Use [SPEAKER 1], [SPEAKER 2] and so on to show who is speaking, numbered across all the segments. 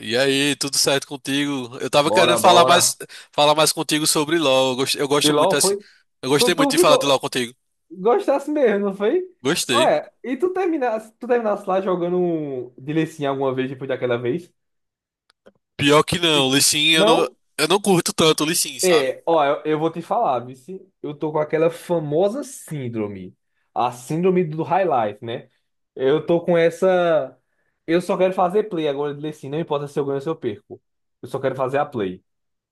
[SPEAKER 1] E aí, tudo certo contigo? Eu tava querendo
[SPEAKER 2] Bora,
[SPEAKER 1] falar mais,
[SPEAKER 2] bora.
[SPEAKER 1] falar mais contigo sobre LoL. Eu gosto, eu
[SPEAKER 2] De
[SPEAKER 1] gosto
[SPEAKER 2] LOL
[SPEAKER 1] muito assim.
[SPEAKER 2] foi?
[SPEAKER 1] Eu
[SPEAKER 2] Tu,
[SPEAKER 1] gostei muito
[SPEAKER 2] tu
[SPEAKER 1] de falar
[SPEAKER 2] ficou.
[SPEAKER 1] de LoL contigo.
[SPEAKER 2] Gostasse mesmo, não foi?
[SPEAKER 1] Gostei.
[SPEAKER 2] Olha, e tu terminasse lá jogando um de Lee Sin alguma vez depois daquela vez?
[SPEAKER 1] Pior que não, o
[SPEAKER 2] Bicho,
[SPEAKER 1] Lee Sin, eu não,
[SPEAKER 2] não?
[SPEAKER 1] eu não curto tanto o Lee Sin, sabe?
[SPEAKER 2] É, ó, eu vou te falar, vice. Eu tô com aquela famosa síndrome. A síndrome do High Life, né? Eu tô com essa. Eu só quero fazer play agora de Lee Sin, não importa se eu ganho ou se eu perco. Eu só quero fazer a play.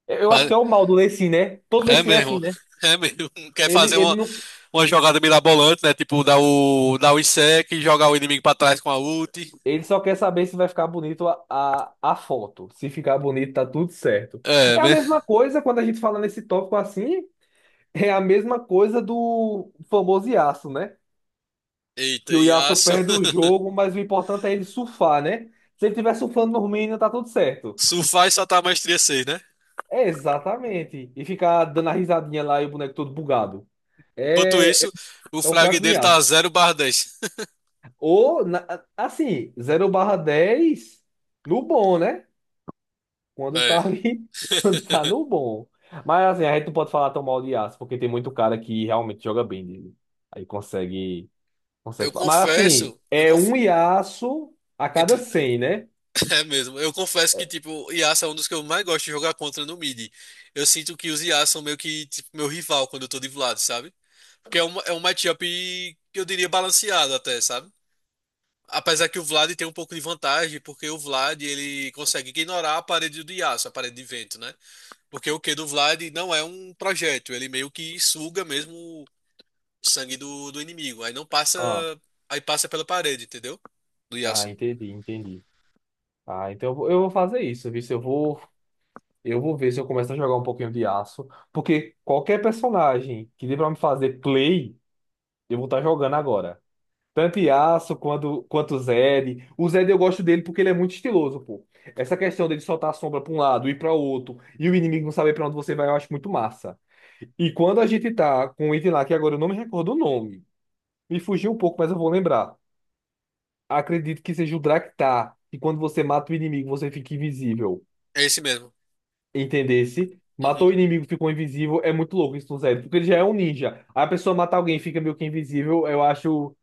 [SPEAKER 2] Eu acho que
[SPEAKER 1] Pa-
[SPEAKER 2] é o mal do Lee Sin, né? Todo Lee
[SPEAKER 1] É
[SPEAKER 2] Sin é assim,
[SPEAKER 1] mesmo.
[SPEAKER 2] né?
[SPEAKER 1] É mesmo. Quer
[SPEAKER 2] Ele,
[SPEAKER 1] fazer
[SPEAKER 2] ele
[SPEAKER 1] uma,
[SPEAKER 2] não,
[SPEAKER 1] uma jogada mirabolante, né? Tipo, dar o Insect e jogar o inimigo pra trás com a ult.
[SPEAKER 2] Ele só quer saber se vai ficar bonito a foto. Se ficar bonito, tá tudo certo.
[SPEAKER 1] É,
[SPEAKER 2] É a
[SPEAKER 1] né?
[SPEAKER 2] mesma coisa quando a gente fala nesse tópico assim, é a mesma coisa do famoso Yasuo, né?
[SPEAKER 1] Eita,
[SPEAKER 2] Que o Yasuo
[SPEAKER 1] Yasuo.
[SPEAKER 2] perde o jogo, mas o importante é ele surfar, né? Se ele tiver surfando no minions, tá tudo certo.
[SPEAKER 1] Surfar e soltar a maestria seis, né?
[SPEAKER 2] É exatamente. E ficar dando a risadinha lá e o boneco todo bugado.
[SPEAKER 1] Enquanto
[SPEAKER 2] É,
[SPEAKER 1] isso, o
[SPEAKER 2] é o
[SPEAKER 1] frag
[SPEAKER 2] fraco do
[SPEAKER 1] dele tá
[SPEAKER 2] Yasuo.
[SPEAKER 1] 0 dez.
[SPEAKER 2] Ou, na- assim, 0/10 no bom, né? Quando
[SPEAKER 1] É.
[SPEAKER 2] tá ali, quando tá no bom. Mas assim, a gente não pode falar tão mal de aço, porque tem muito cara que realmente joga bem dele. Aí consegue,
[SPEAKER 1] Eu
[SPEAKER 2] consegue. Fa- Mas assim,
[SPEAKER 1] confesso, eu
[SPEAKER 2] é
[SPEAKER 1] conf...
[SPEAKER 2] um Yasuo a cada
[SPEAKER 1] entre-
[SPEAKER 2] cem, né?
[SPEAKER 1] é mesmo, eu confesso que tipo, Yasuo é um dos que eu mais gosto de jogar contra no mid. Eu sinto que os Yasuo são meio que tipo, meu rival quando eu tô de Vlad, sabe? Porque é um matchup que eu diria balanceado até, sabe? Apesar que o Vlad tem um pouco de vantagem, porque o Vlad ele consegue ignorar a parede do Yasuo, a parede de vento, né? Porque o Q do Vlad não é um projétil, ele meio que suga mesmo o sangue do inimigo. Aí não passa,
[SPEAKER 2] Ah,
[SPEAKER 1] aí passa pela parede, entendeu? Do
[SPEAKER 2] ah,
[SPEAKER 1] Yasuo.
[SPEAKER 2] entendi, entendi. Ah, então eu vou fazer isso, viu? Se Eu vou, eu vou ver se eu começo a jogar um pouquinho de aço, porque qualquer personagem que dê pra me fazer play, eu vou estar jogando agora. Tanto Yasuo quanto Zed. O Zed eu gosto dele porque ele é muito estiloso, pô. Essa questão dele soltar a sombra pra um lado e pra outro, e o inimigo não saber pra onde você vai, eu acho muito massa. E quando a gente tá com um item lá, que agora eu não me recordo o nome, me fugiu um pouco, mas eu vou lembrar. Acredito que seja o Draktar, que quando você mata o inimigo, você fica invisível.
[SPEAKER 1] É esse mesmo.
[SPEAKER 2] Entendesse?
[SPEAKER 1] Uhum.
[SPEAKER 2] Matou o inimigo, ficou invisível, é muito louco isso no Zed, porque ele já é um ninja. Aí a pessoa mata alguém e fica meio que invisível, eu acho,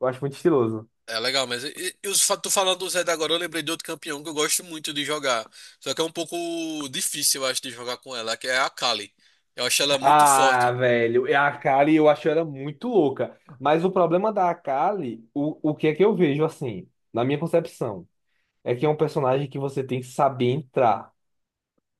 [SPEAKER 2] eu acho muito estiloso.
[SPEAKER 1] É legal, mas os tu falando do Zed agora, eu lembrei de outro campeão que eu gosto muito de jogar. Só que é um pouco difícil, eu acho, de jogar com ela, que é a Kali. Eu acho ela muito
[SPEAKER 2] Ah,
[SPEAKER 1] forte.
[SPEAKER 2] velho, e a Kali eu acho ela muito louca. Mas o problema da Kali, o que é que eu vejo assim, na minha concepção, é que é um personagem que você tem que saber entrar.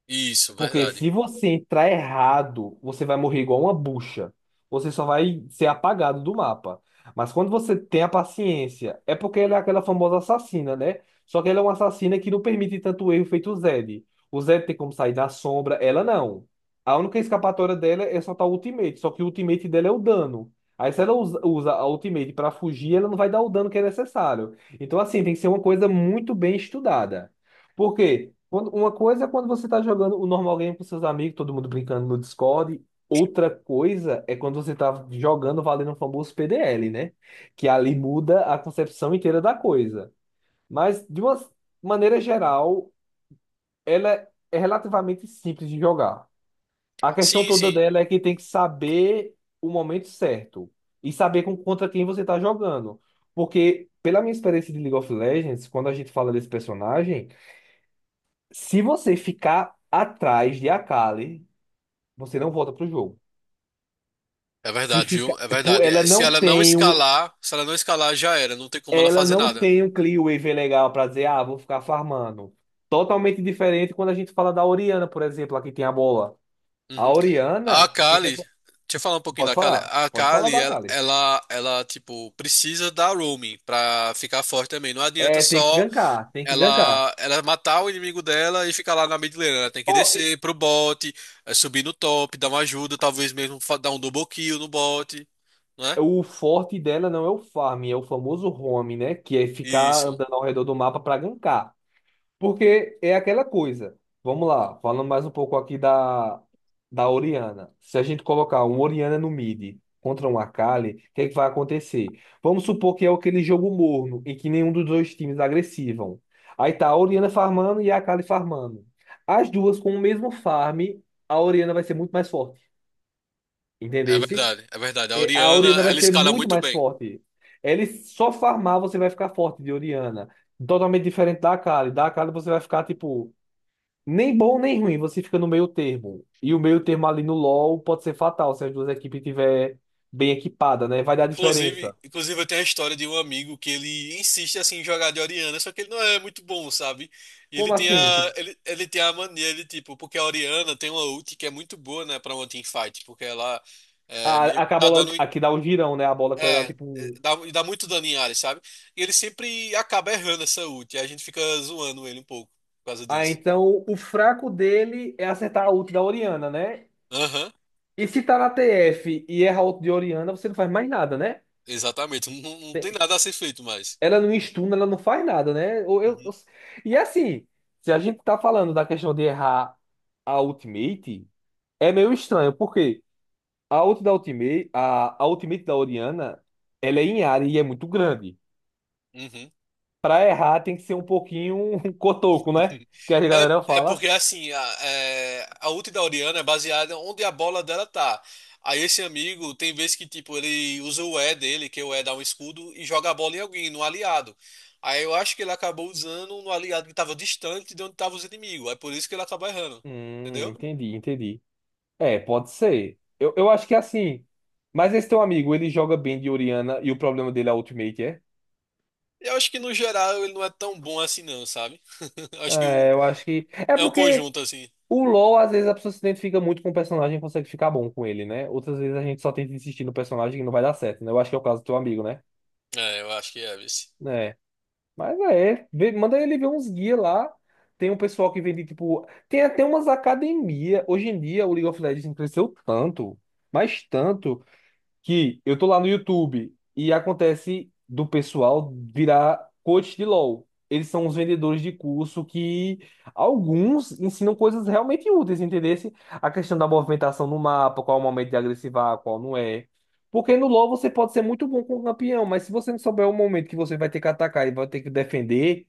[SPEAKER 1] Isso,
[SPEAKER 2] Porque
[SPEAKER 1] verdade.
[SPEAKER 2] se você entrar errado, você vai morrer igual uma bucha. Você só vai ser apagado do mapa. Mas quando você tem a paciência, é porque ela é aquela famosa assassina, né? Só que ela é uma assassina que não permite tanto erro feito o Zed. O Zed tem como sair da sombra, ela não. A única escapatória dela é soltar o ultimate, só que o ultimate dela é o dano. Aí se ela usa a ultimate para fugir, ela não vai dar o dano que é necessário. Então assim, tem que ser uma coisa muito bem estudada. Por quê? Uma coisa é quando você está jogando o normal game com seus amigos, todo mundo brincando no Discord. Outra coisa é quando você tá jogando valendo o famoso PDL, né? Que ali muda a concepção inteira da coisa. Mas, de uma maneira geral, ela é relativamente simples de jogar. A questão
[SPEAKER 1] Sim,
[SPEAKER 2] toda
[SPEAKER 1] sim.
[SPEAKER 2] dela é que tem que saber o momento certo e saber contra quem você está jogando. Porque, pela minha experiência de League of Legends, quando a gente fala desse personagem. Se você ficar atrás de Akali, você não volta pro jogo.
[SPEAKER 1] É
[SPEAKER 2] Se
[SPEAKER 1] verdade,
[SPEAKER 2] fica,
[SPEAKER 1] viu? É
[SPEAKER 2] pô,
[SPEAKER 1] verdade.
[SPEAKER 2] ela
[SPEAKER 1] É, se
[SPEAKER 2] não
[SPEAKER 1] ela não
[SPEAKER 2] tem um,
[SPEAKER 1] escalar, se ela não escalar, já era. Não tem como ela
[SPEAKER 2] ela
[SPEAKER 1] fazer
[SPEAKER 2] não
[SPEAKER 1] nada.
[SPEAKER 2] tem um clear wave legal pra dizer, ah, vou ficar farmando. Totalmente diferente quando a gente fala da Orianna, por exemplo, aqui tem a bola. A
[SPEAKER 1] Uhum. A
[SPEAKER 2] Orianna, o que que
[SPEAKER 1] Kali, deixa
[SPEAKER 2] acon-
[SPEAKER 1] eu falar um pouquinho
[SPEAKER 2] pode
[SPEAKER 1] da Kali.
[SPEAKER 2] falar?
[SPEAKER 1] A
[SPEAKER 2] Pode falar
[SPEAKER 1] Kali,
[SPEAKER 2] da Akali.
[SPEAKER 1] tipo, precisa da roaming pra ficar forte também. Não adianta
[SPEAKER 2] É, tem que
[SPEAKER 1] só
[SPEAKER 2] gankar, tem que gankar.
[SPEAKER 1] ela matar o inimigo dela e ficar lá na mid lane. Ela tem que
[SPEAKER 2] Oh, e-
[SPEAKER 1] descer pro bot, eh, subir no top, dar uma ajuda, talvez mesmo dar um double kill no bot, não é?
[SPEAKER 2] o forte dela não é o farm, é o famoso roam, né, que é ficar
[SPEAKER 1] Isso.
[SPEAKER 2] andando ao redor do mapa pra gankar. Porque é aquela coisa. Vamos lá, falando mais um pouco aqui da Oriana. Se a gente colocar um Oriana no mid contra um Akali, o que é que vai acontecer? Vamos supor que é aquele jogo morno em que nenhum dos dois times agressivam. Aí tá a Oriana farmando e a Akali farmando. As duas com o mesmo farm, a Oriana vai ser muito mais forte.
[SPEAKER 1] É
[SPEAKER 2] Entendesse?
[SPEAKER 1] verdade, é verdade. A
[SPEAKER 2] É, a
[SPEAKER 1] Orianna,
[SPEAKER 2] Oriana vai
[SPEAKER 1] ela
[SPEAKER 2] ser
[SPEAKER 1] escala
[SPEAKER 2] muito
[SPEAKER 1] muito
[SPEAKER 2] mais
[SPEAKER 1] bem.
[SPEAKER 2] forte. Ele só farmar, você vai ficar forte de Oriana. Totalmente diferente da Akali. Da Akali você vai ficar, tipo. Nem bom nem ruim, você fica no meio termo. E o meio termo ali no LoL pode ser fatal se as duas equipes estiverem bem equipada,
[SPEAKER 1] Uhum.
[SPEAKER 2] né? Vai dar
[SPEAKER 1] Inclusive,
[SPEAKER 2] diferença.
[SPEAKER 1] inclusive eu tenho a história de um amigo que ele insiste assim em jogar de Orianna, só que ele não é muito bom, sabe? E
[SPEAKER 2] Como assim? Tipo,
[SPEAKER 1] ele tem a mania de tipo, porque a Orianna tem uma ult que é muito boa, né, para uma teamfight, porque ela é, meio que
[SPEAKER 2] que a
[SPEAKER 1] tá
[SPEAKER 2] bola
[SPEAKER 1] dando um
[SPEAKER 2] aqui dá um girão, né? A bola que ela dá
[SPEAKER 1] É, é,
[SPEAKER 2] tipo. Um.
[SPEAKER 1] dá, e dá muito dano em área, sabe? E ele sempre acaba errando essa ult, e a gente fica zoando ele um pouco por causa
[SPEAKER 2] Ah,
[SPEAKER 1] disso.
[SPEAKER 2] então o fraco dele é acertar a ult da Orianna, né?
[SPEAKER 1] Aham,
[SPEAKER 2] E se tá na TF e erra a ult de Orianna, você não faz mais nada, né?
[SPEAKER 1] exatamente. Não, não tem nada a ser feito mais.
[SPEAKER 2] Ela não estuna, ela não faz nada, né?
[SPEAKER 1] Uhum.
[SPEAKER 2] E assim, se a gente tá falando da questão de errar a ultimate, é meio estranho, porque a ult da Ultimate, a Ultimate da Orianna, ela é em área e é muito grande.
[SPEAKER 1] Uhum.
[SPEAKER 2] Pra errar tem que ser um pouquinho cotoco, né? Que a
[SPEAKER 1] É,
[SPEAKER 2] galera
[SPEAKER 1] é
[SPEAKER 2] fala.
[SPEAKER 1] porque assim, a ult da Orianna é baseada onde a bola dela tá. Aí esse amigo tem vezes que tipo ele usa o E dele, que é o E dá um escudo e joga a bola em alguém, no aliado. Aí eu acho que ele acabou usando no aliado que tava distante de onde tava os inimigos. É por isso que ele acaba errando. Entendeu?
[SPEAKER 2] Entendi, entendi. É, pode ser. Eu acho que é assim. Mas esse teu amigo, ele joga bem de Orianna e o problema dele é a Ultimate, é?
[SPEAKER 1] Eu acho que no geral ele não é tão bom assim não, sabe? Acho que
[SPEAKER 2] É, eu acho que. É
[SPEAKER 1] é um
[SPEAKER 2] porque
[SPEAKER 1] conjunto assim.
[SPEAKER 2] o LoL, às vezes, a pessoa se identifica muito com o personagem e consegue ficar bom com ele, né? Outras vezes a gente só tenta insistir no personagem e não vai dar certo, né? Eu acho que é o caso do teu amigo, né?
[SPEAKER 1] É, eu acho que é, vice.
[SPEAKER 2] É. Mas é, manda ele ver uns guias lá. Tem um pessoal que vende, tipo. Tem até umas academias. Hoje em dia, o League of Legends cresceu tanto, mas tanto, que eu tô lá no YouTube e acontece do pessoal virar coach de LoL. Eles são os vendedores de curso que alguns ensinam coisas realmente úteis, entendesse? A questão da movimentação no mapa, qual é o momento de agressivar, qual não é. Porque no LoL você pode ser muito bom com o campeão, mas se você não souber o momento que você vai ter que atacar e vai ter que defender,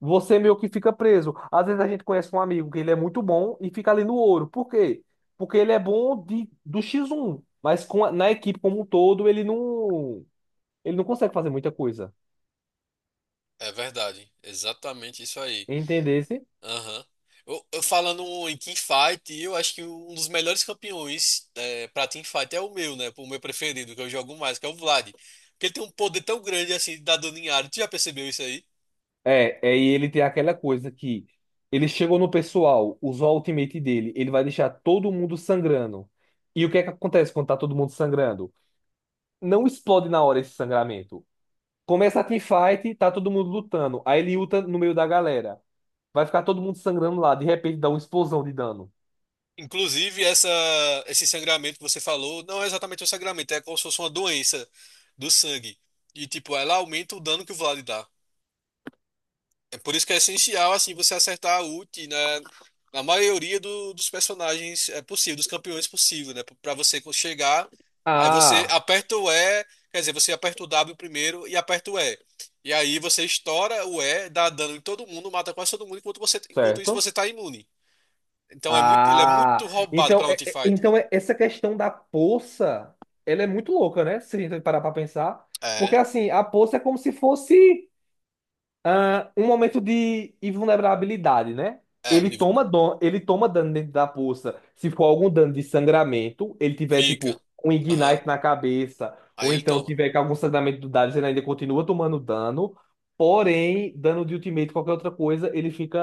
[SPEAKER 2] você meio que fica preso. Às vezes a gente conhece um amigo que ele é muito bom e fica ali no ouro. Por quê? Porque ele é bom de, do X1, mas na equipe como um todo ele não consegue fazer muita coisa.
[SPEAKER 1] É verdade. Exatamente isso aí.
[SPEAKER 2] Entendesse?
[SPEAKER 1] Aham. Eu falando em teamfight, eu acho que um dos melhores campeões é, pra teamfight é o meu, né? O meu preferido, que eu jogo mais, que é o Vlad. Porque ele tem um poder tão grande assim de dar dano em área. Tu já percebeu isso aí?
[SPEAKER 2] É, é, e ele tem aquela coisa que ele chegou no pessoal, usou a ultimate dele, ele vai deixar todo mundo sangrando. E o que é que acontece quando tá todo mundo sangrando? Não explode na hora esse sangramento. Começa a teamfight, tá todo mundo lutando. Aí ele luta no meio da galera. Vai ficar todo mundo sangrando lá. De repente dá uma explosão de dano.
[SPEAKER 1] Inclusive, essa, esse sangramento que você falou não é exatamente um sangramento, é como se fosse uma doença do sangue. E, tipo, ela aumenta o dano que o Vlad dá. É por isso que é essencial, assim, você acertar a ult na maioria dos personagens é possível, dos campeões é possível, né? Para você chegar, aí você
[SPEAKER 2] Ah,
[SPEAKER 1] aperta o E, quer dizer, você aperta o W primeiro e aperta o E. E aí você estoura o E, dá dano em todo mundo, mata quase todo mundo, enquanto você, enquanto isso
[SPEAKER 2] certo?
[SPEAKER 1] você tá imune. Então é muito, ele é muito
[SPEAKER 2] Ah.
[SPEAKER 1] roubado pra
[SPEAKER 2] Então,
[SPEAKER 1] Notifight.
[SPEAKER 2] essa questão da poça, ela é muito louca, né? Se a gente parar pra pensar. Porque
[SPEAKER 1] É,
[SPEAKER 2] assim, a poça é como se fosse. Ah, um momento de invulnerabilidade, né?
[SPEAKER 1] é,
[SPEAKER 2] Ele toma dano dentro da poça. Se for algum dano de sangramento, ele tiver,
[SPEAKER 1] fica.
[SPEAKER 2] tipo, um
[SPEAKER 1] Aham.
[SPEAKER 2] ignite na cabeça, ou
[SPEAKER 1] Aí ele
[SPEAKER 2] então
[SPEAKER 1] toma.
[SPEAKER 2] tiver com algum sangramento do Darius, ele ainda continua tomando dano. Porém, dano de ultimate, qualquer outra coisa, ele fica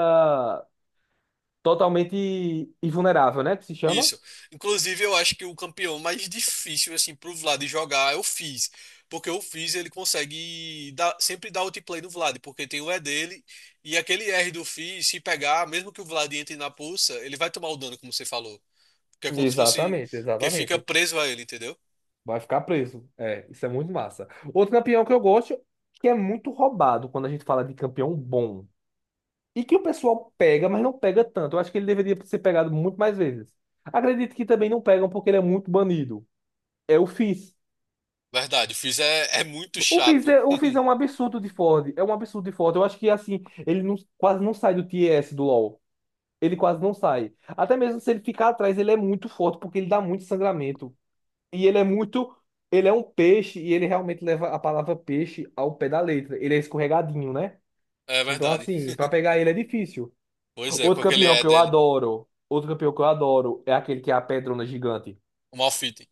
[SPEAKER 2] totalmente invulnerável, né? Que se chama?
[SPEAKER 1] Isso. Inclusive, eu acho que o campeão mais difícil, assim, pro Vlad jogar é o Fizz. Porque o Fizz, ele consegue dar, sempre dar outplay no Vlad, porque tem o E dele, e aquele R do Fizz, se pegar, mesmo que o Vlad entre na pulsa, ele vai tomar o dano, como você falou. Que é como se fosse.
[SPEAKER 2] Exatamente,
[SPEAKER 1] Que fica
[SPEAKER 2] exatamente.
[SPEAKER 1] preso a ele, entendeu?
[SPEAKER 2] Vai ficar preso. É, isso é muito massa. Outro campeão que eu gosto, que é muito roubado quando a gente fala de campeão bom. E que o pessoal pega, mas não pega tanto. Eu acho que ele deveria ser pegado muito mais vezes. Acredito que também não pegam porque ele é muito banido. É o Fizz.
[SPEAKER 1] Verdade, o Fizz é, é muito chato.
[SPEAKER 2] O Fizz é um absurdo de Ford. É um absurdo de Ford. Eu acho que, assim, ele não- quase não sai do TS do LoL. Ele quase não sai. Até mesmo se ele ficar atrás, ele é muito forte porque ele dá muito sangramento. E ele é muito. Ele é um peixe e ele realmente leva a palavra peixe ao pé da letra. Ele é escorregadinho, né?
[SPEAKER 1] É
[SPEAKER 2] Então,
[SPEAKER 1] verdade.
[SPEAKER 2] assim, pra pegar ele é difícil.
[SPEAKER 1] Pois é,
[SPEAKER 2] Outro
[SPEAKER 1] com aquele
[SPEAKER 2] campeão
[SPEAKER 1] é
[SPEAKER 2] que eu
[SPEAKER 1] dele. Né?
[SPEAKER 2] adoro, outro campeão que eu adoro é aquele que é a pedrona gigante,
[SPEAKER 1] O Malfitting.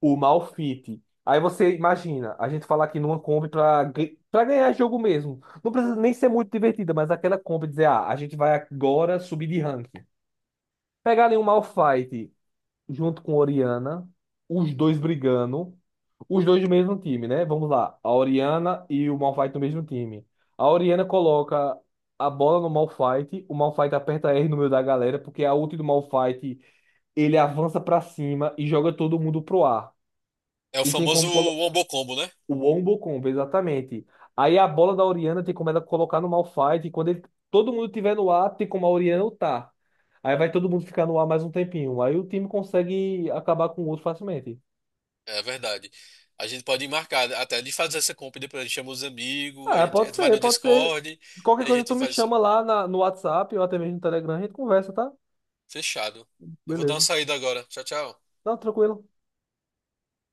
[SPEAKER 2] o Malphite. Aí você imagina, a gente falar aqui numa Kombi pra ganhar jogo mesmo. Não precisa nem ser muito divertida, mas aquela Kombi dizer, ah, a gente vai agora subir de ranking. Pegar ali um Malphite, junto com Oriana, os dois brigando, os dois do mesmo time, né? Vamos lá, a Oriana e o Malphite do mesmo time. A Oriana coloca a bola no Malphite, o Malphite aperta R no meio da galera, porque a ult do Malphite, ele avança pra cima e joga todo mundo pro ar.
[SPEAKER 1] É o
[SPEAKER 2] E tem
[SPEAKER 1] famoso
[SPEAKER 2] como
[SPEAKER 1] Wombo Combo, né?
[SPEAKER 2] o Wombo Combo, exatamente. Aí a bola da Orianna tem como ela colocar no Malphite. E quando ele- todo mundo tiver no ar, tem como a Orianna ultar. Aí vai todo mundo ficar no ar mais um tempinho. Aí o time consegue acabar com o outro facilmente.
[SPEAKER 1] É verdade. A gente pode marcar até de fazer essa compra e depois a gente chama os amigos, a
[SPEAKER 2] Ah,
[SPEAKER 1] gente, a
[SPEAKER 2] pode
[SPEAKER 1] gente vai
[SPEAKER 2] ser,
[SPEAKER 1] no
[SPEAKER 2] pode ser.
[SPEAKER 1] Discord e
[SPEAKER 2] Qualquer
[SPEAKER 1] a
[SPEAKER 2] coisa
[SPEAKER 1] gente
[SPEAKER 2] tu me
[SPEAKER 1] faz isso.
[SPEAKER 2] chama lá no WhatsApp ou até mesmo no Telegram, a gente conversa, tá?
[SPEAKER 1] Fechado. Eu vou dar uma
[SPEAKER 2] Beleza.
[SPEAKER 1] saída agora. Tchau, tchau.
[SPEAKER 2] Não, tranquilo.